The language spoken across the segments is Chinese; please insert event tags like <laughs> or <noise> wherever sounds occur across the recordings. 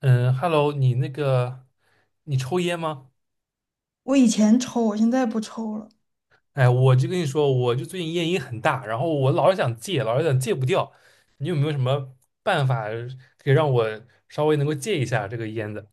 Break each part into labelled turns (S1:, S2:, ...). S1: 嗯，Hello，你那个，你抽烟吗？
S2: 我以前抽，我现在不抽了。
S1: 哎，我就跟你说，我就最近烟瘾很大，然后我老是想戒，老是想戒不掉。你有没有什么办法可以让我稍微能够戒一下这个烟的？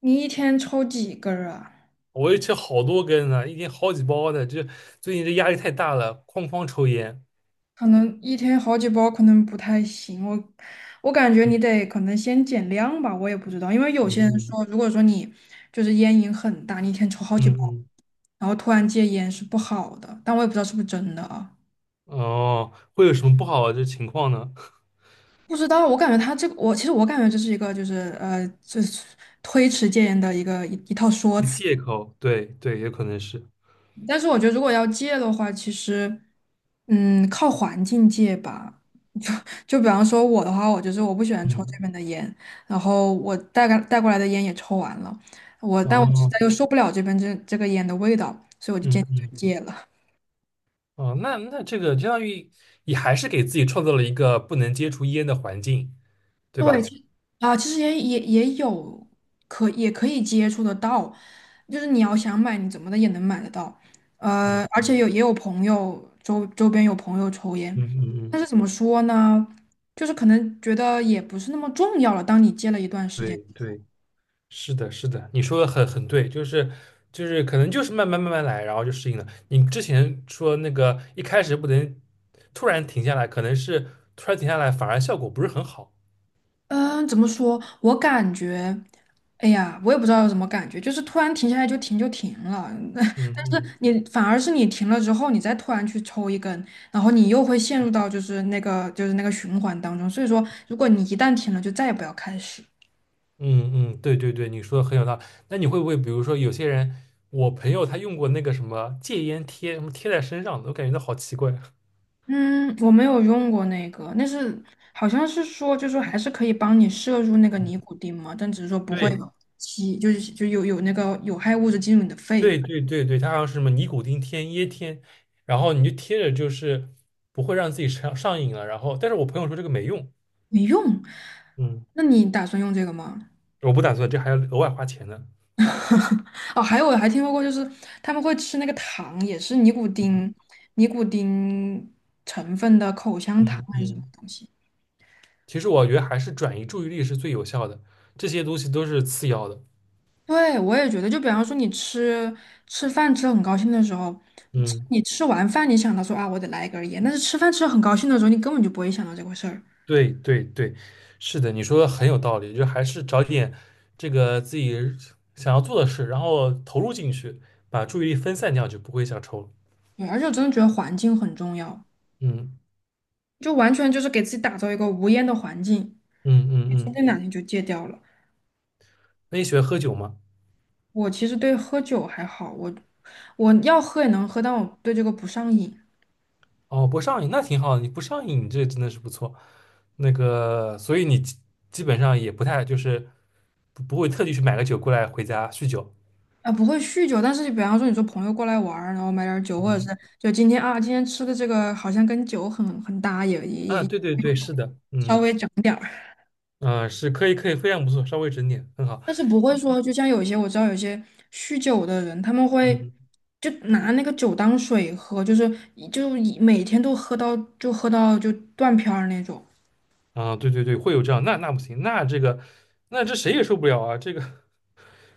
S2: 你一天抽几根儿啊？
S1: 我也吃好多根呢，一天好几包的。这最近这压力太大了，哐哐抽烟。
S2: 可能一天好几包，可能不太行。我感觉你得可能先减量吧，我也不知道，因为有些人
S1: 嗯
S2: 说，如果说你就是烟瘾很大，你一天抽好
S1: 嗯
S2: 几包，
S1: 嗯
S2: 然后突然戒烟是不好的，但我也不知道是不是真的啊。
S1: 嗯，哦，会有什么不好的情况呢？<laughs>
S2: 不知道，我感觉他这个，我其实我感觉这是一个就是就是推迟戒烟的一个一套说
S1: 一个
S2: 辞。
S1: 借口，对对，也可能是。
S2: 但是我觉得如果要戒的话，其实，靠环境戒吧。<laughs> 就就比方说我的话，我就是我不喜欢抽这
S1: 嗯，
S2: 边的烟，然后我带过来的烟也抽完了，但我实
S1: 哦，
S2: 在又受不了这边这个烟的味道，所以我就坚
S1: 嗯
S2: 决就
S1: 嗯。
S2: 戒了。
S1: 哦，那这个相当于你还是给自己创造了一个不能接触烟的环境，对
S2: 对，
S1: 吧？
S2: 其实也有也可以接触得到，就是你要想买，你怎么的也能买得到。而
S1: 嗯
S2: 且也有朋友周边有朋友抽
S1: 嗯
S2: 烟，
S1: 嗯
S2: 但
S1: 嗯，
S2: 是怎么说呢，就是可能觉得也不是那么重要了。当你戒了一段时
S1: 对
S2: 间。
S1: 对，是的，是的，你说的很对，就是可能就是慢慢慢慢来，然后就适应了。你之前说那个一开始不能突然停下来，可能是突然停下来反而效果不是很好。
S2: 嗯，怎么说？我感觉，哎呀，我也不知道有什么感觉，就是突然停下来就停了。
S1: 嗯
S2: <laughs> 但是
S1: 嗯
S2: 你反而是你停了之后，你再突然去抽一根，然后你又会陷入到就是那个循环当中。所以说，如果你一旦停了，就再也不要开始。
S1: 嗯嗯，对对对，你说的很有道理。那你会不会比如说有些人，我朋友他用过那个什么戒烟贴，什么贴在身上的，我感觉到好奇怪。
S2: 嗯，我没有用过那个，好像是说，就是说还是可以帮你摄入那个
S1: 嗯。
S2: 尼古丁嘛，但只是说不会
S1: 对
S2: 吸，就是有那个有害物质进入你的肺，
S1: 对对对对，它好像是什么尼古丁贴椰贴，然后你就贴着，就是不会让自己上瘾了。然后，但是我朋友说这个没用，
S2: 没用。
S1: 嗯，
S2: 那你打算用这个吗？
S1: 我不打算，这还要额外花钱呢。
S2: <laughs> 哦，还有我还听说过，就是他们会吃那个糖，也是尼古丁成分的口香糖
S1: 嗯
S2: 还是什么
S1: 嗯，
S2: 东西。
S1: 其实我觉得还是转移注意力是最有效的，这些东西都是次要的。
S2: 对，我也觉得，就比方说你吃饭吃得很高兴的时候，
S1: 嗯，
S2: 你吃完饭你想到说啊，我得来一根儿烟，但是吃饭吃得很高兴的时候，你根本就不会想到这回事儿。
S1: 对对对，是的，你说的很有道理，就还是找点这个自己想要做的事，然后投入进去，把注意力分散掉，就不会想抽了。
S2: 对，而且我真的觉得环境很重要，
S1: 嗯
S2: 就完全就是给自己打造一个无烟的环境，
S1: 嗯嗯
S2: 你说不
S1: 嗯，
S2: 定哪天就戒掉了。
S1: 那你喜欢喝酒吗？
S2: 我其实对喝酒还好，我要喝也能喝，但我对这个不上瘾
S1: 哦，不上瘾那挺好的，你不上瘾，你这真的是不错。那个，所以你基本上也不太就是不会特地去买个酒过来回家酗酒。
S2: 啊，不会酗酒。但是比方说，你说朋友过来玩儿，然后买点儿酒，或者是
S1: 嗯，
S2: 就今天啊，今天吃的这个好像跟酒很搭，也也
S1: 啊，
S2: 也
S1: 对对对，是的，
S2: 稍
S1: 嗯
S2: 微整点儿，
S1: 嗯，是可以可以，非常不错，稍微整点，很好。
S2: 但是不会说，就像我知道有些酗酒的人，他们会
S1: 嗯
S2: 就拿那个酒当水喝，就是一每天都喝到断片儿那种。
S1: 啊，对对对，会有这样，那不行，那这谁也受不了啊，这个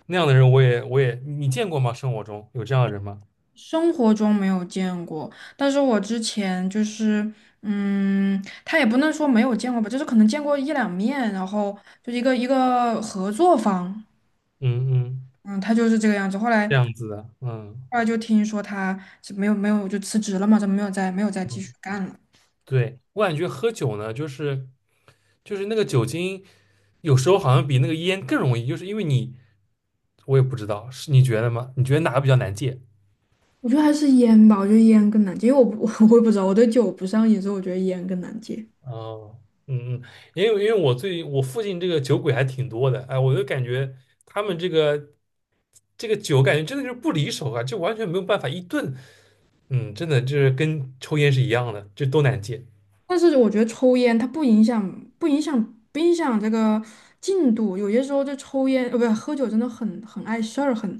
S1: 那样的人我也你见过吗？生活中有这样的人吗？
S2: 生活中没有见过，但是我之前就是，他也不能说没有见过吧，就是可能见过一两面，然后就一个合作方，
S1: 嗯嗯，
S2: 嗯，他就是这个样子。后
S1: 这
S2: 来
S1: 样子的，嗯。
S2: 后来就听说他是没有就辞职了嘛，就没有再继续干了。
S1: 对，我感觉喝酒呢，就是那个酒精，有时候好像比那个烟更容易，就是因为你，我也不知道，是你觉得吗？你觉得哪个比较难戒？
S2: 我觉得还是烟吧，我觉得烟更难戒，因为我不 <laughs> 我也不知道，我对酒不上瘾，所以我觉得烟更难戒。
S1: 哦，嗯嗯，因为我附近这个酒鬼还挺多的，哎，我就感觉他们这个酒，感觉真的就是不离手啊，就完全没有办法一顿，真的就是跟抽烟是一样的，就都难戒。
S2: 但是我觉得抽烟它不影响，不影响这个进度。有些时候就抽烟，不是喝酒，真的很碍事儿，很，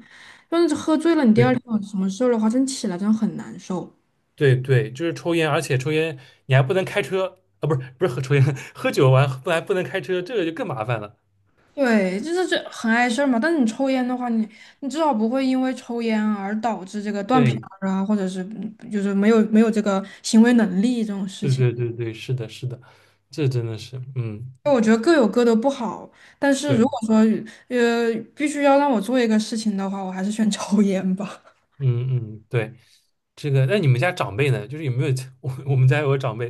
S2: 就是喝醉了，你第二
S1: 对。
S2: 天有什么事儿的话，真起来真的很难受。
S1: 对对，就是抽烟，而且抽烟你还不能开车啊，不是喝抽烟，<laughs> 喝酒完不还不能开车，这个就更麻烦了。
S2: 对，就是这很碍事儿嘛。但是你抽烟的话，你至少不会因为抽烟而导致这个断片
S1: 对
S2: 儿啊，或者是就是没有这个行为能力这种
S1: <laughs>
S2: 事
S1: 对
S2: 情。
S1: 对对对，是的，是的，这真的是，嗯，
S2: 我觉得各有各的不好，但是如
S1: 对，
S2: 果说必须要让我做一个事情的话，我还是选 <laughs> 抽烟吧。
S1: 嗯嗯对，这个那你们家长辈呢？就是有没有 <laughs> 我们家有个长辈，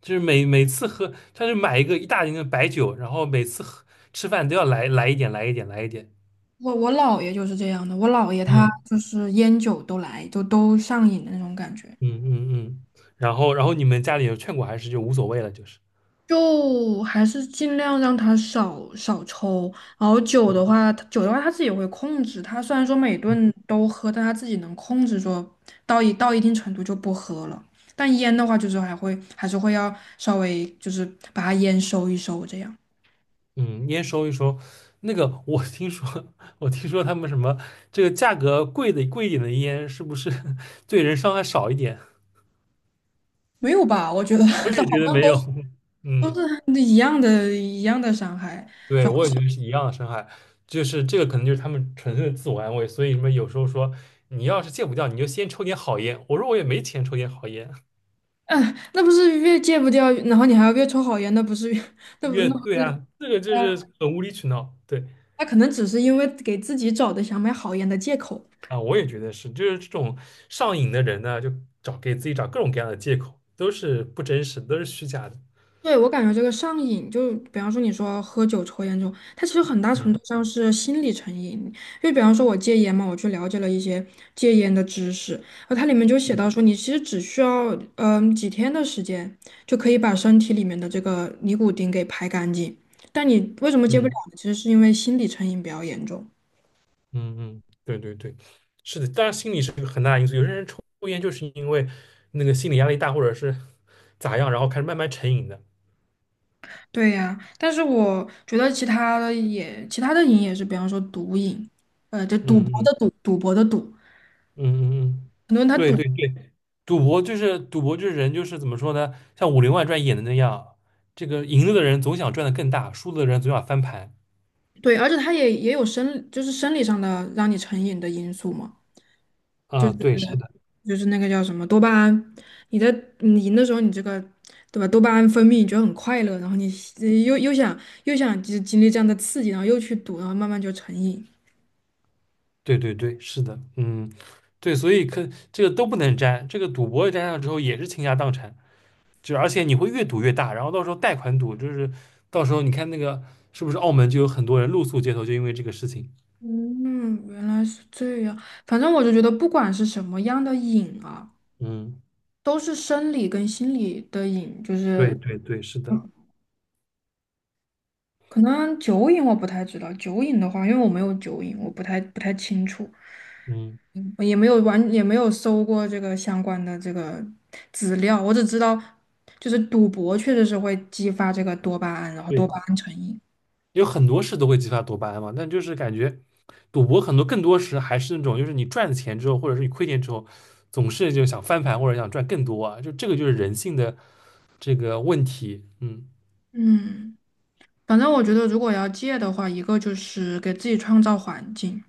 S1: 就是每次喝，他就买一个一大瓶的白酒，然后每次喝吃饭都要来一点，来一点，来一点。
S2: 我姥爷就是这样的，我姥爷他
S1: 嗯
S2: 就是烟酒都来，就都上瘾的那种感觉，
S1: 嗯嗯嗯，然后你们家里有劝过还是就无所谓了，就是。
S2: 就还是尽量让他少抽，然后酒的话，他酒的话他自己会控制，他虽然说每顿都喝，但他自己能控制说到一定程度就不喝了，但烟的话就是还是会要稍微就是把它烟收一收这样，
S1: 嗯，烟收一收，那个我听说，<laughs> 我听说他们什么这个价格贵一点的烟，是不是 <laughs> 对人伤害少一点？
S2: 没有吧？我觉得 <laughs> 好
S1: <laughs> 我也觉得
S2: 像
S1: 没有。
S2: 都
S1: 嗯，
S2: 都是一样的伤害。
S1: 对，我也觉得是一样的伤害，就是这个可能就是他们纯粹的自我安慰，所以什么有时候说你要是戒不掉，你就先抽点好烟。我说我也没钱抽点好烟，
S2: <laughs> 嗯，那不是越戒不掉，然后你还要越抽好烟，那不是越 <laughs> 那不
S1: 越
S2: 那
S1: 对
S2: 不是，
S1: 啊，这个就
S2: 呃，
S1: 是很无理取闹。对
S2: 他可能只是因为给自己找的想买好烟的借口。
S1: 啊，我也觉得是，就是这种上瘾的人呢，给自己找各种各样的借口，都是不真实都是虚假的。
S2: 对，我感觉这个上瘾，就比方说你说喝酒、抽烟这种，它其实很大程
S1: 嗯
S2: 度上是心理成瘾。就比方说我戒烟嘛，我去了解了一些戒烟的知识，然后它里面就写到说，你其实只需要几天的时间，就可以把身体里面的这个尼古丁给排干净。但你为什么戒不了
S1: 嗯
S2: 呢？其实是因为心理成瘾比较严重。
S1: 嗯嗯，对对对，是的，当然心理是个很大的因素。有些人抽烟就是因为那个心理压力大，或者是咋样，然后开始慢慢成瘾的。
S2: 对呀，但是我觉得其他的瘾也是，比方说毒瘾，就赌
S1: 嗯
S2: 博的
S1: 嗯
S2: 赌，赌博的赌，
S1: 嗯嗯嗯，
S2: 很多人他
S1: 对
S2: 赌，
S1: 对对，赌博就是人就是怎么说呢？像《武林外传》演的那样，这个赢了的人总想赚的更大，输了的人总想翻盘。
S2: 对，而且他也就是生理上的让你成瘾的因素嘛，就
S1: 啊，
S2: 是
S1: 对，是的，
S2: 那个叫什么多巴胺，你的你赢的时候，你这个对吧，多巴胺分泌，你觉得很快乐，然后你呃又又想又想经历这样的刺激，然后又去赌，然后慢慢就成瘾。
S1: 对对对，是的，嗯，对，所以可这个都不能沾，这个赌博沾上之后也是倾家荡产。就而且你会越赌越大，然后到时候贷款赌，就是到时候你看那个是不是澳门就有很多人露宿街头，就因为这个事情。
S2: 嗯，原来是这样。反正我就觉得，不管是什么样的瘾啊。
S1: 嗯，
S2: 都是生理跟心理的瘾，就
S1: 对
S2: 是
S1: 对对，是的，
S2: 嗯可能酒瘾我不太知道，酒瘾的话，因为我没有酒瘾，我不太清楚，
S1: 嗯，
S2: 嗯也没有搜过这个相关的这个资料，我只知道就是赌博确实是会激发这个多巴胺，然后多
S1: 对，
S2: 巴胺成瘾。
S1: 有很多事都会激发多巴胺嘛，但就是感觉赌博很多更多时还是那种，就是你赚了钱之后，或者是你亏钱之后，总是就想翻盘或者想赚更多啊，就这个就是人性的这个问题。嗯，
S2: 嗯，反正我觉得如果要戒的话，一个就是给自己创造环境，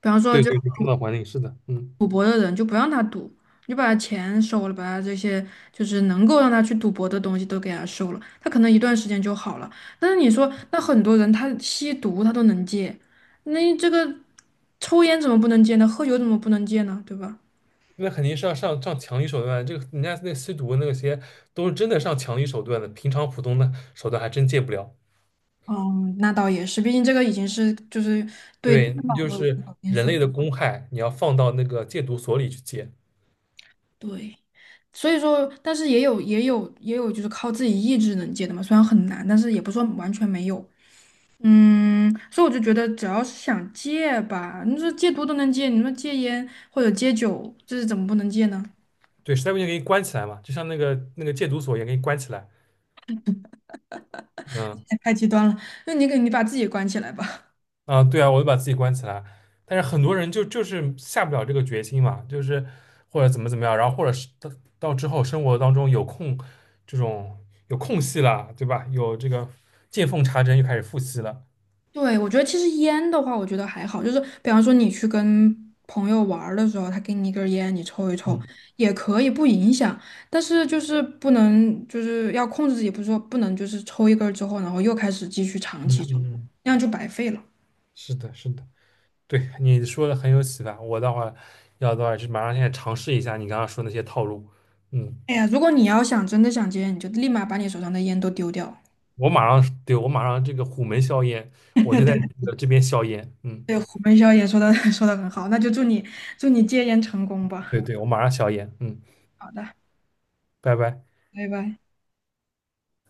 S2: 比方说。
S1: 对对对，生脑管理是的，嗯。
S2: 赌博的人，就不让他赌，你就把他钱收了，把他这些就是能够让他去赌博的东西都给他收了，他可能一段时间就好了。但是你说，那很多人他吸毒他都能戒，那这个抽烟怎么不能戒呢？喝酒怎么不能戒呢？对吧？
S1: 那肯定是要上强力手段。这个人家那吸毒那些都是真的上强力手段的，平常普通的手段还真戒不了。
S2: 嗯，那倒也是，毕竟这个已经是就是
S1: 对，那
S2: 脑
S1: 就
S2: 都已经
S1: 是
S2: 有点
S1: 人
S2: 损
S1: 类的公害，你要放到那个戒毒所里去戒。
S2: 对，所以说，但是也有就是靠自己意志能戒的嘛，虽然很难，但是也不是说完全没有。所以我就觉得，只要是想戒吧，你说戒毒都能戒，你说戒烟或者戒酒，这是怎么不能戒呢？<laughs>
S1: 对，实在不行给你关起来嘛，就像那个戒毒所也给你关起来。嗯
S2: 太极端了，那你给你把自己关起来吧。<laughs>
S1: 啊，对啊，我就把自己关起来。但是很多人就是下不了这个决心嘛，就是或者怎么样，然后或者是到之后生活当中这种有空隙了，对吧？有这个见缝插针又开始复吸了。
S2: 对，我觉得其实烟的话，我觉得还好，就是比方说你去跟朋友玩儿的时候，他给你一根烟，你抽一抽
S1: 嗯
S2: 也可以，不影响。但是就是不能，就是要控制自己，不是说不能就是抽一根儿之后，然后又开始继续长
S1: 嗯
S2: 期抽，
S1: 嗯，嗯
S2: 那样就白费了。
S1: 是的，是的，对，你说的很有启发。我待会儿要的话是马上现在尝试一下你刚刚说那些套路。嗯，
S2: 哎呀，如果你要想真的想戒烟，你就立马把你手上的烟都丢掉。
S1: 我马上，对，我马上这个虎门销烟，我就在
S2: <laughs>
S1: 这个这边销烟。嗯，
S2: 对，虎门销也说的 <laughs> 说的很好，那就祝你戒烟成功吧。
S1: 对对，我马上销烟。嗯，
S2: 好的，
S1: 拜拜。
S2: 拜拜。